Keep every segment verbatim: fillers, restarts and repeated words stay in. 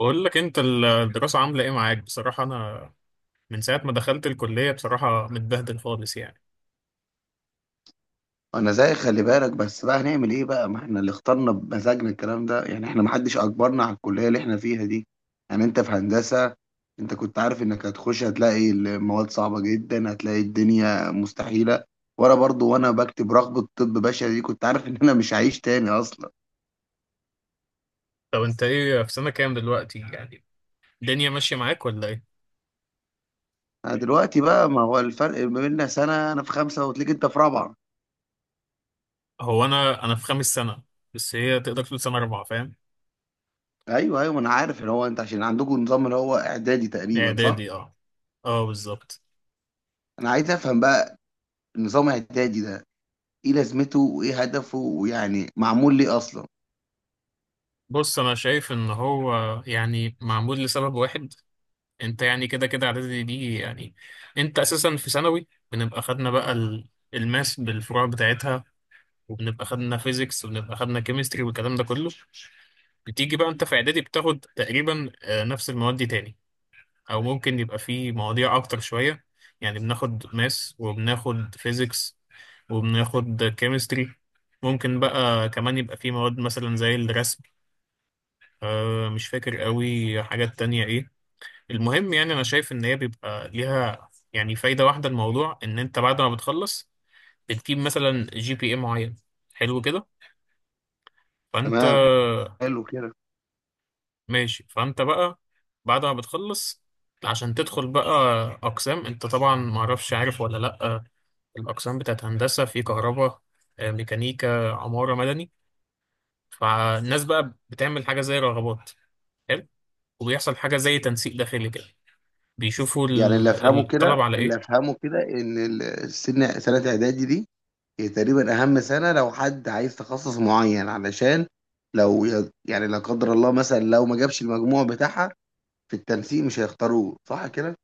بقول لك انت، ال- الدراسة عاملة ايه معاك؟ بصراحة انا من ساعة ما دخلت الكلية بصراحة متبهدل خالص يعني. انا زي خلي بالك، بس بقى هنعمل ايه بقى؟ ما احنا اللي اخترنا بمزاجنا الكلام ده، يعني احنا محدش اجبرنا على الكلية اللي احنا فيها دي. يعني انت في هندسة، انت كنت عارف انك هتخش هتلاقي المواد صعبة جدا، هتلاقي الدنيا مستحيلة. وانا برضو وانا بكتب رغبة طب بشري دي كنت عارف ان انا مش هعيش تاني اصلا. طب انت ايه، في سنة كام دلوقتي يعني؟ الدنيا ماشية معاك ولا ايه؟ انا دلوقتي بقى، ما هو الفرق ما بيننا سنة، انا في خمسة وتلاقيك انت في رابعة. هو انا انا في خامس سنة، بس هي تقدر تقول سنة رابعة، فاهم. ايوه ايوه، ما انا عارف ان هو انت عشان عندكم نظام اللي هو اعدادي تقريبا، صح؟ اعدادي، اه. اه، بالظبط. انا عايز افهم بقى نظام اعدادي ده، ايه لازمته وايه هدفه ويعني معمول ليه اصلا؟ بص، انا شايف ان هو يعني معمول لسبب واحد. انت يعني كده كده اعدادي دي يعني، انت اساسا في ثانوي بنبقى خدنا بقى ال- الماس بالفروع بتاعتها، وبنبقى خدنا فيزيكس وبنبقى خدنا كيمستري والكلام ده كله. بتيجي بقى انت في اعدادي بتاخد تقريبا آه، نفس المواد دي تاني، او ممكن يبقى في مواضيع اكتر شوية. يعني بناخد ماس وبناخد فيزيكس وبناخد كيمستري. ممكن بقى كمان يبقى في مواد مثلا زي الرسم. آه، مش فاكر قوي حاجات تانية ايه. المهم يعني انا شايف ان هي بيبقى ليها يعني فايده واحده، الموضوع ان انت بعد ما بتخلص بتجيب مثلا جي بي اي معين، حلو كده. فانت، تمام، حلو كده. ماشي، فانت بقى بعد ما بتخلص عشان تدخل بقى اقسام. انت طبعا ما اعرفش، عارف ولا لا، الاقسام بتاعت هندسه في كهرباء، آه، ميكانيكا، عماره، مدني. فالناس بقى بتعمل حاجه زي رغبات، حلو، وبيحصل حاجه زي تنسيق داخلي كده، بيشوفوا يعني اللي ال- افهمه الطلب كده على اللي ايه. افهمه كده ان ال- السن سنه اعدادي دي هي تقريبا اهم سنه لو حد عايز تخصص معين، علشان لو ي- يعني لا قدر الله مثلا لو ما جابش المجموع بتاعها، في التنسيق مش هيختاروه، صح كده؟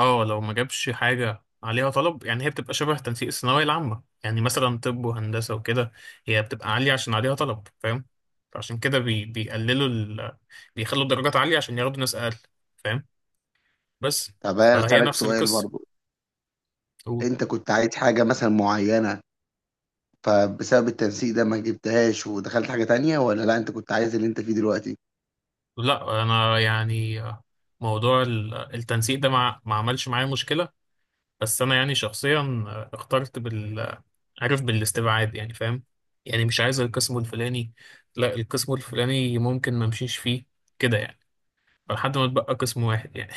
اه، لو ما جابش حاجة عليها طلب يعني هي بتبقى شبه تنسيق الثانوية العامة، يعني مثلا طب وهندسة وكده هي بتبقى عالية عشان عليها طلب، فاهم. فعشان كده بي بيقللوا ال... بيخلوا الدرجات عالية عشان ياخدوا ناس أقل، فاهم. بس طب انا فهي اسالك نفس سؤال القصة برضو، و- انت كنت عايز حاجه مثلا معينه فبسبب التنسيق ده ما جبتهاش ودخلت حاجه تانية، ولا لا انت كنت عايز اللي انت فيه دلوقتي؟ لا، أنا يعني آه، موضوع ال- التنسيق ده ما ما عملش معايا مشكلة. بس أنا يعني شخصيا آه، اخترت بال عارف، بالاستبعاد يعني، فاهم. يعني مش عايز القسم الفلاني، لا القسم الفلاني ممكن ما امشيش فيه، كده يعني، فلحد ما اتبقى قسم واحد يعني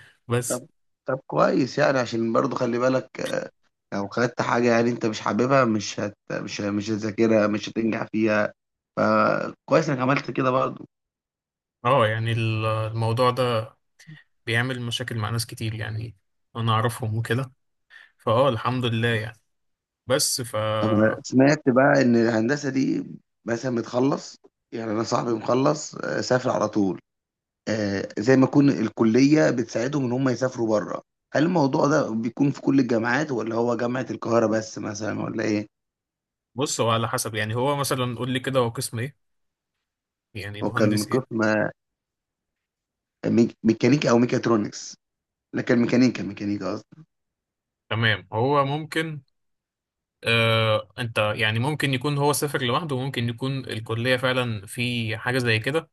بس طب طب كويس، يعني عشان برضو خلي بالك، آه، لو خدت حاجة يعني انت مش حاببها مش هت مش مش هتذاكرها، مش هتنجح فيها، فكويس انك عملت كده برضو. اه، يعني ال- الموضوع ده بيعمل مشاكل مع ناس كتير يعني، انا اعرفهم وكده. فاه، الحمد لله يعني، بس ف طب انا سمعت بقى ان الهندسة دي مثلا بتخلص، يعني انا صاحبي مخلص آه، سافر على طول، آه، زي ما يكون الكلية بتساعدهم ان هم يسافروا بره. هل الموضوع ده بيكون في كل الجامعات ولا هو جامعة القاهرة بس مثلا ولا ايه؟ بص، هو على حسب يعني، هو مثلا قول لي كده هو قسم ايه، يعني هو كان مهندس ايه. قسم ميك- ميكانيكا او ميكاترونكس، لكن ميكانيكا ميكانيكا. تمام، هو ممكن، آه انت يعني ممكن يكون هو سافر لوحده، وممكن يكون الكلية فعلا في حاجة زي كده.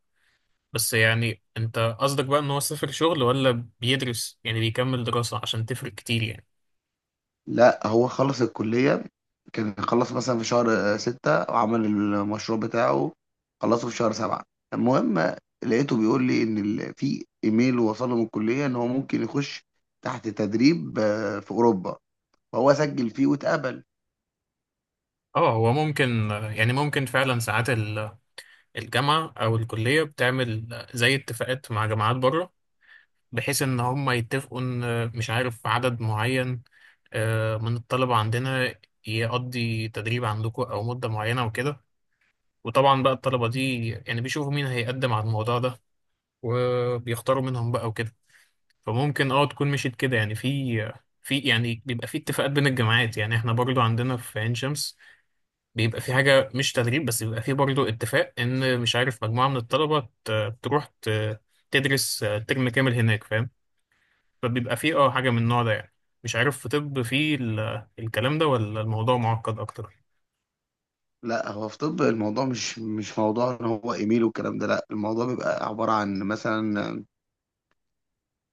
بس يعني انت قصدك بقى ان هو سافر شغل ولا بيدرس يعني بيكمل دراسة؟ عشان تفرق كتير يعني. لا هو خلص الكلية، كان خلص مثلا في شهر آه، ستة وعمل المشروع بتاعه، خلصه في شهر سبعة. المهم، لقيته بيقول لي إن ال- في إيميل وصل له من الكلية إن هو ممكن يخش تحت تدريب آه، في أوروبا، فهو سجل فيه واتقبل. اه، هو ممكن، يعني ممكن فعلا ساعات ال- الجامعة او الكلية بتعمل زي اتفاقات مع جامعات بره، بحيث ان هم يتفقوا ان مش عارف عدد معين آه، من الطلبة عندنا يقضي تدريب عندكم او مدة معينة وكده. وطبعا بقى الطلبة دي يعني بيشوفوا مين هيقدم على الموضوع ده وبيختاروا منهم بقى وكده. فممكن اه تكون مشيت كده يعني في في يعني بيبقى في اتفاقات بين الجامعات. يعني احنا برضو عندنا في عين شمس بيبقى في حاجة مش تدريب بس، بيبقى في برضو اتفاق ان مش عارف مجموعة من الطلبة ت- تروح ت- تدرس ترم كامل هناك، فاهم. فبيبقى في اه حاجة من النوع ده يعني. مش عارف في طب في ال- الكلام ده ولا الموضوع معقد اكتر؟ لا هو في طب الموضوع مش مش موضوع إن هو إيميل والكلام ده، لا الموضوع بيبقى عبارة عن مثلا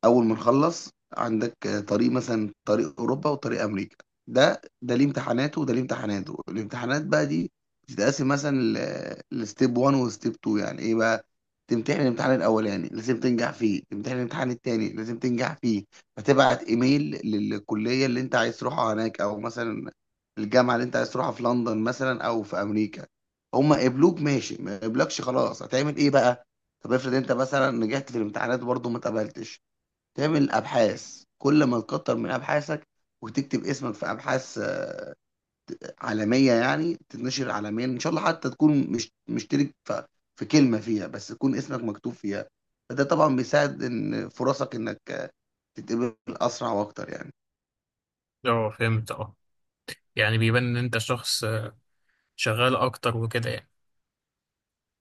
اول ما نخلص، عندك آه، طريق مثلا طريق اوروبا وطريق امريكا، ده ده ليه امتحاناته وده ليه امتحاناته. الامتحانات بقى دي بتتقسم مثلا ل- لستيب واحد وستيب اتنين، يعني ايه بقى؟ تمتحن الامتحان الاولاني لازم تنجح فيه، تمتحن الامتحان التاني لازم تنجح فيه. فتبعت ايميل للكليه اللي انت عايز تروحها هناك، او مثلا الجامعه اللي انت عايز تروحها في لندن مثلا او في امريكا. هما قبلوك ماشي، ما قبلكش خلاص، هتعمل ايه بقى؟ طب افرض انت مثلا نجحت في الامتحانات وبرضه ما اتقبلتش، تعمل أبحاث، كل ما تكتر من أبحاثك وتكتب اسمك في أبحاث آه، عالمية، يعني تتنشر عالميا إن شاء الله، حتى تكون مش مشترك في في كلمة فيها، بس يكون اسمك مكتوب فيها، فده طبعا بيساعد إن فرصك إنك آه، تتقبل أسرع وأكتر يعني. اه، فهمت. اه، يعني بيبان ان انت شخص آه، شغال اكتر وكده يعني.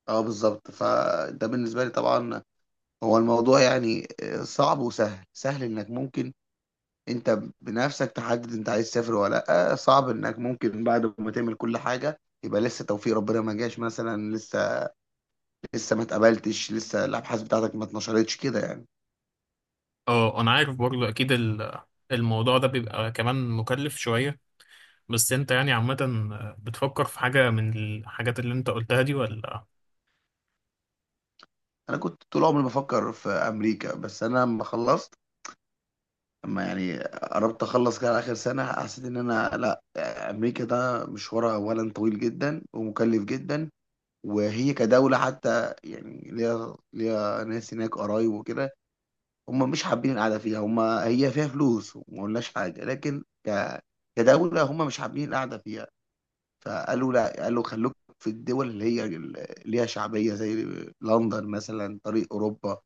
أه بالظبط. فده بالنسبة لي طبعا، هو الموضوع يعني آه، صعب وسهل. سهل إنك ممكن أنت بنفسك تحدد أنت عايز تسافر ولا لأ، صعب إنك ممكن بعد ما تعمل كل حاجة يبقى لسه توفيق ربنا ما جاش، مثلا لسه لسه ما اتقبلتش، لسه الابحاث بتاعتك ما اتنشرتش كده يعني. اه، انا عارف برضو اكيد ال- الموضوع ده بيبقى كمان مكلف شوية. بس انت يعني عامة، بتفكر في حاجة من الحاجات اللي انت قلتها دي ولا؟ انا كنت طول عمري بفكر في امريكا، بس انا لما خلصت، لما يعني قربت اخلص كده على اخر سنه، حسيت ان انا لا، امريكا ده مشوارها اولا طويل جدا ومكلف جدا، وهي كدوله حتى يعني ليها ليها ناس هناك قرايب وكده، هم مش حابين القعده فيها. هم هي فيها فلوس وما قلناش حاجه، لكن ك... كدوله هم مش حابين القعده فيها. فقالوا لا، قالوا خلوك في الدول اللي هي اللي ليها شعبية، زي لندن مثلا، طريق أوروبا،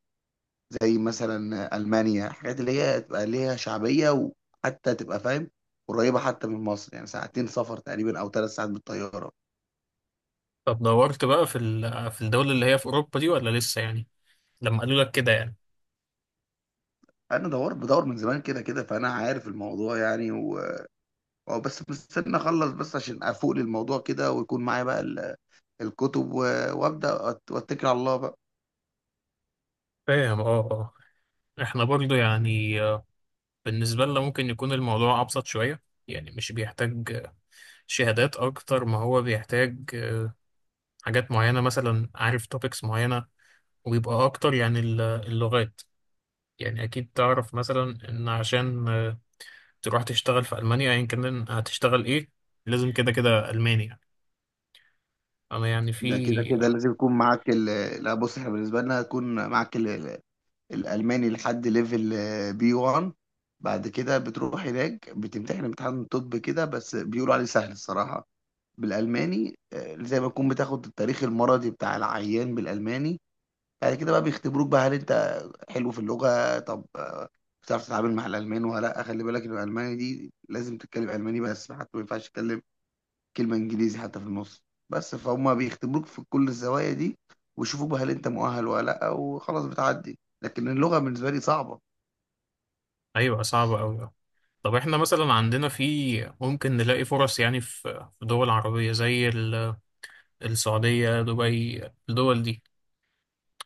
زي مثلا ألمانيا، حاجات اللي هي تبقى ليها شعبية وحتى تبقى فاهم قريبة حتى من مصر، يعني ساعتين سفر تقريبا أو ثلاث ساعات بالطيارة. طب دورت بقى في ال- في الدول اللي هي في أوروبا دي ولا لسه يعني، لما قالوا لك كده يعني؟ أنا دور بدور من زمان كده كده، فأنا عارف الموضوع يعني و... أو بس مستني أخلص، بس عشان أفوق للموضوع كده ويكون معايا بقى ال- الكتب و... وأبدأ أت- وأتكل على الله بقى. فاهم، اه. اه، احنا برضو يعني آه، بالنسبة لنا ممكن يكون الموضوع أبسط شوية. يعني مش بيحتاج آه، شهادات أكتر، ما هو بيحتاج آه، حاجات معينة مثلا، عارف، توبكس معينة. ويبقى أكتر يعني ال- اللغات. يعني أكيد تعرف مثلا إن عشان تروح تشتغل في ألمانيا، أيا كان هتشتغل إيه، لازم كده كده ألماني يعني. أنا يعني في ده كده كده لازم يكون معاك ال... لا بص، احنا بالنسبة لنا يكون معاك ال... الالماني لحد ليفل آه، بي واحد. بعد كده بتروح هناك بتمتحن امتحان طب كده، بس بيقولوا عليه سهل الصراحه، بالالماني آه، زي ما تكون بتاخد التاريخ المرضي بتاع العيان بالالماني. بعد كده بقى بيختبروك بقى، هل انت حلو في اللغه؟ طب آه، بتعرف تتعامل مع الالمان ولا لا؟ خلي بالك ان الالماني دي لازم تتكلم الماني بس، حتى ما ينفعش تتكلم كلمة انجليزي حتى في النص، بس فهم بيختبروك في كل الزوايا دي، ويشوفوك بقى هل انت مؤهل ولا لا، وخلاص بتعدي. لكن اللغة بالنسبة لي صعبة. أيوة، صعبة أوي. طب إحنا مثلا عندنا في، ممكن نلاقي فرص يعني في في دول عربية زي ال- السعودية، دبي، الدول دي،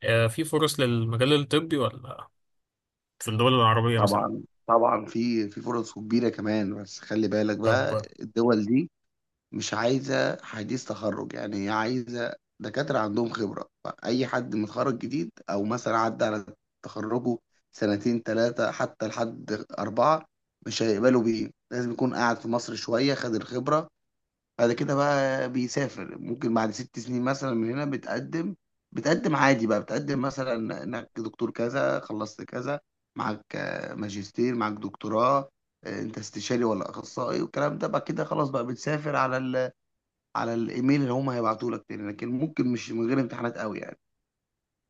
آه، في فرص للمجال الطبي ولا، في الدول العربية مثلا؟ طبعا طبعا، في في فرص كبيرة كمان، بس خلي بالك طب. بقى الدول دي مش عايزة حديث تخرج، يعني هي عايزة دكاترة عندهم خبرة، فأي حد متخرج جديد أو مثلا عدى على تخرجه سنتين ثلاثة حتى لحد أربعة مش هيقبلوا بيه، لازم يكون قاعد في مصر شوية خد الخبرة. بعد كده بقى بيسافر، ممكن بعد ست سنين مثلا من هنا بتقدم بتقدم عادي بقى، بتقدم مثلا انك دكتور كذا، خلصت كذا، معاك آه، ماجستير، معاك دكتوراه، آه، انت استشاري ولا اخصائي، والكلام ده بقى كده خلاص بقى بتسافر على ال... على الايميل اللي هم هيبعتوا لك تاني، لكن ممكن مش من غير امتحانات قوي يعني.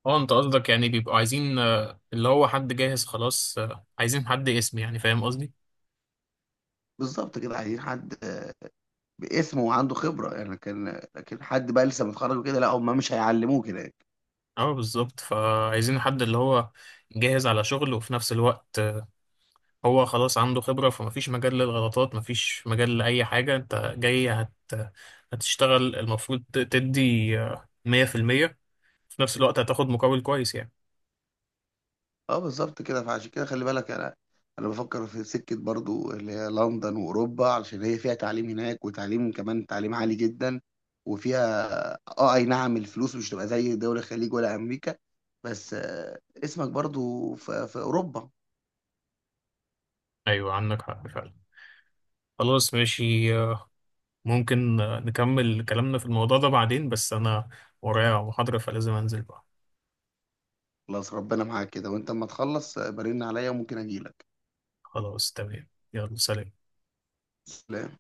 اه، انت قصدك يعني بيبقوا عايزين آه، اللي هو حد جاهز خلاص، آه، عايزين حد اسم يعني، فاهم قصدي؟ بالظبط كده، عايزين حد آه، باسمه وعنده خبرة يعني، كان لكن لكن حد بقى لسه متخرج وكده لا، هم مش هيعلموه كده. اه بالظبط، فعايزين حد اللي هو جاهز على شغل، وفي نفس الوقت هو خلاص عنده خبرة، فمفيش مجال للغلطات، مفيش مجال لأي حاجة، انت جاي هت... هتشتغل، المفروض تدي مية في المية، في نفس الوقت هتاخد مقابل كويس يعني. اه بالظبط كده، فعشان كده خلي بالك، انا انا بفكر في سكه برضو اللي هي لندن واوروبا، علشان هي فيها تعليم هناك، وتعليم كمان تعليم عالي جدا، وفيها اه اي نعم، الفلوس مش تبقى زي دول الخليج ولا امريكا، بس آه، اسمك برضو في, في اوروبا. أيوة، عندك حق فعلا. خلاص، ماشي، آه، ممكن آه، نكمل كلامنا في الموضوع ده بعدين، بس أنا ورايا محاضرة فلازم أنزل بقى. خلاص، ربنا معاك كده، وانت اما تخلص آه، برن عليا وممكن اجيلك. خلاص، تمام، يلا سلام. سلام.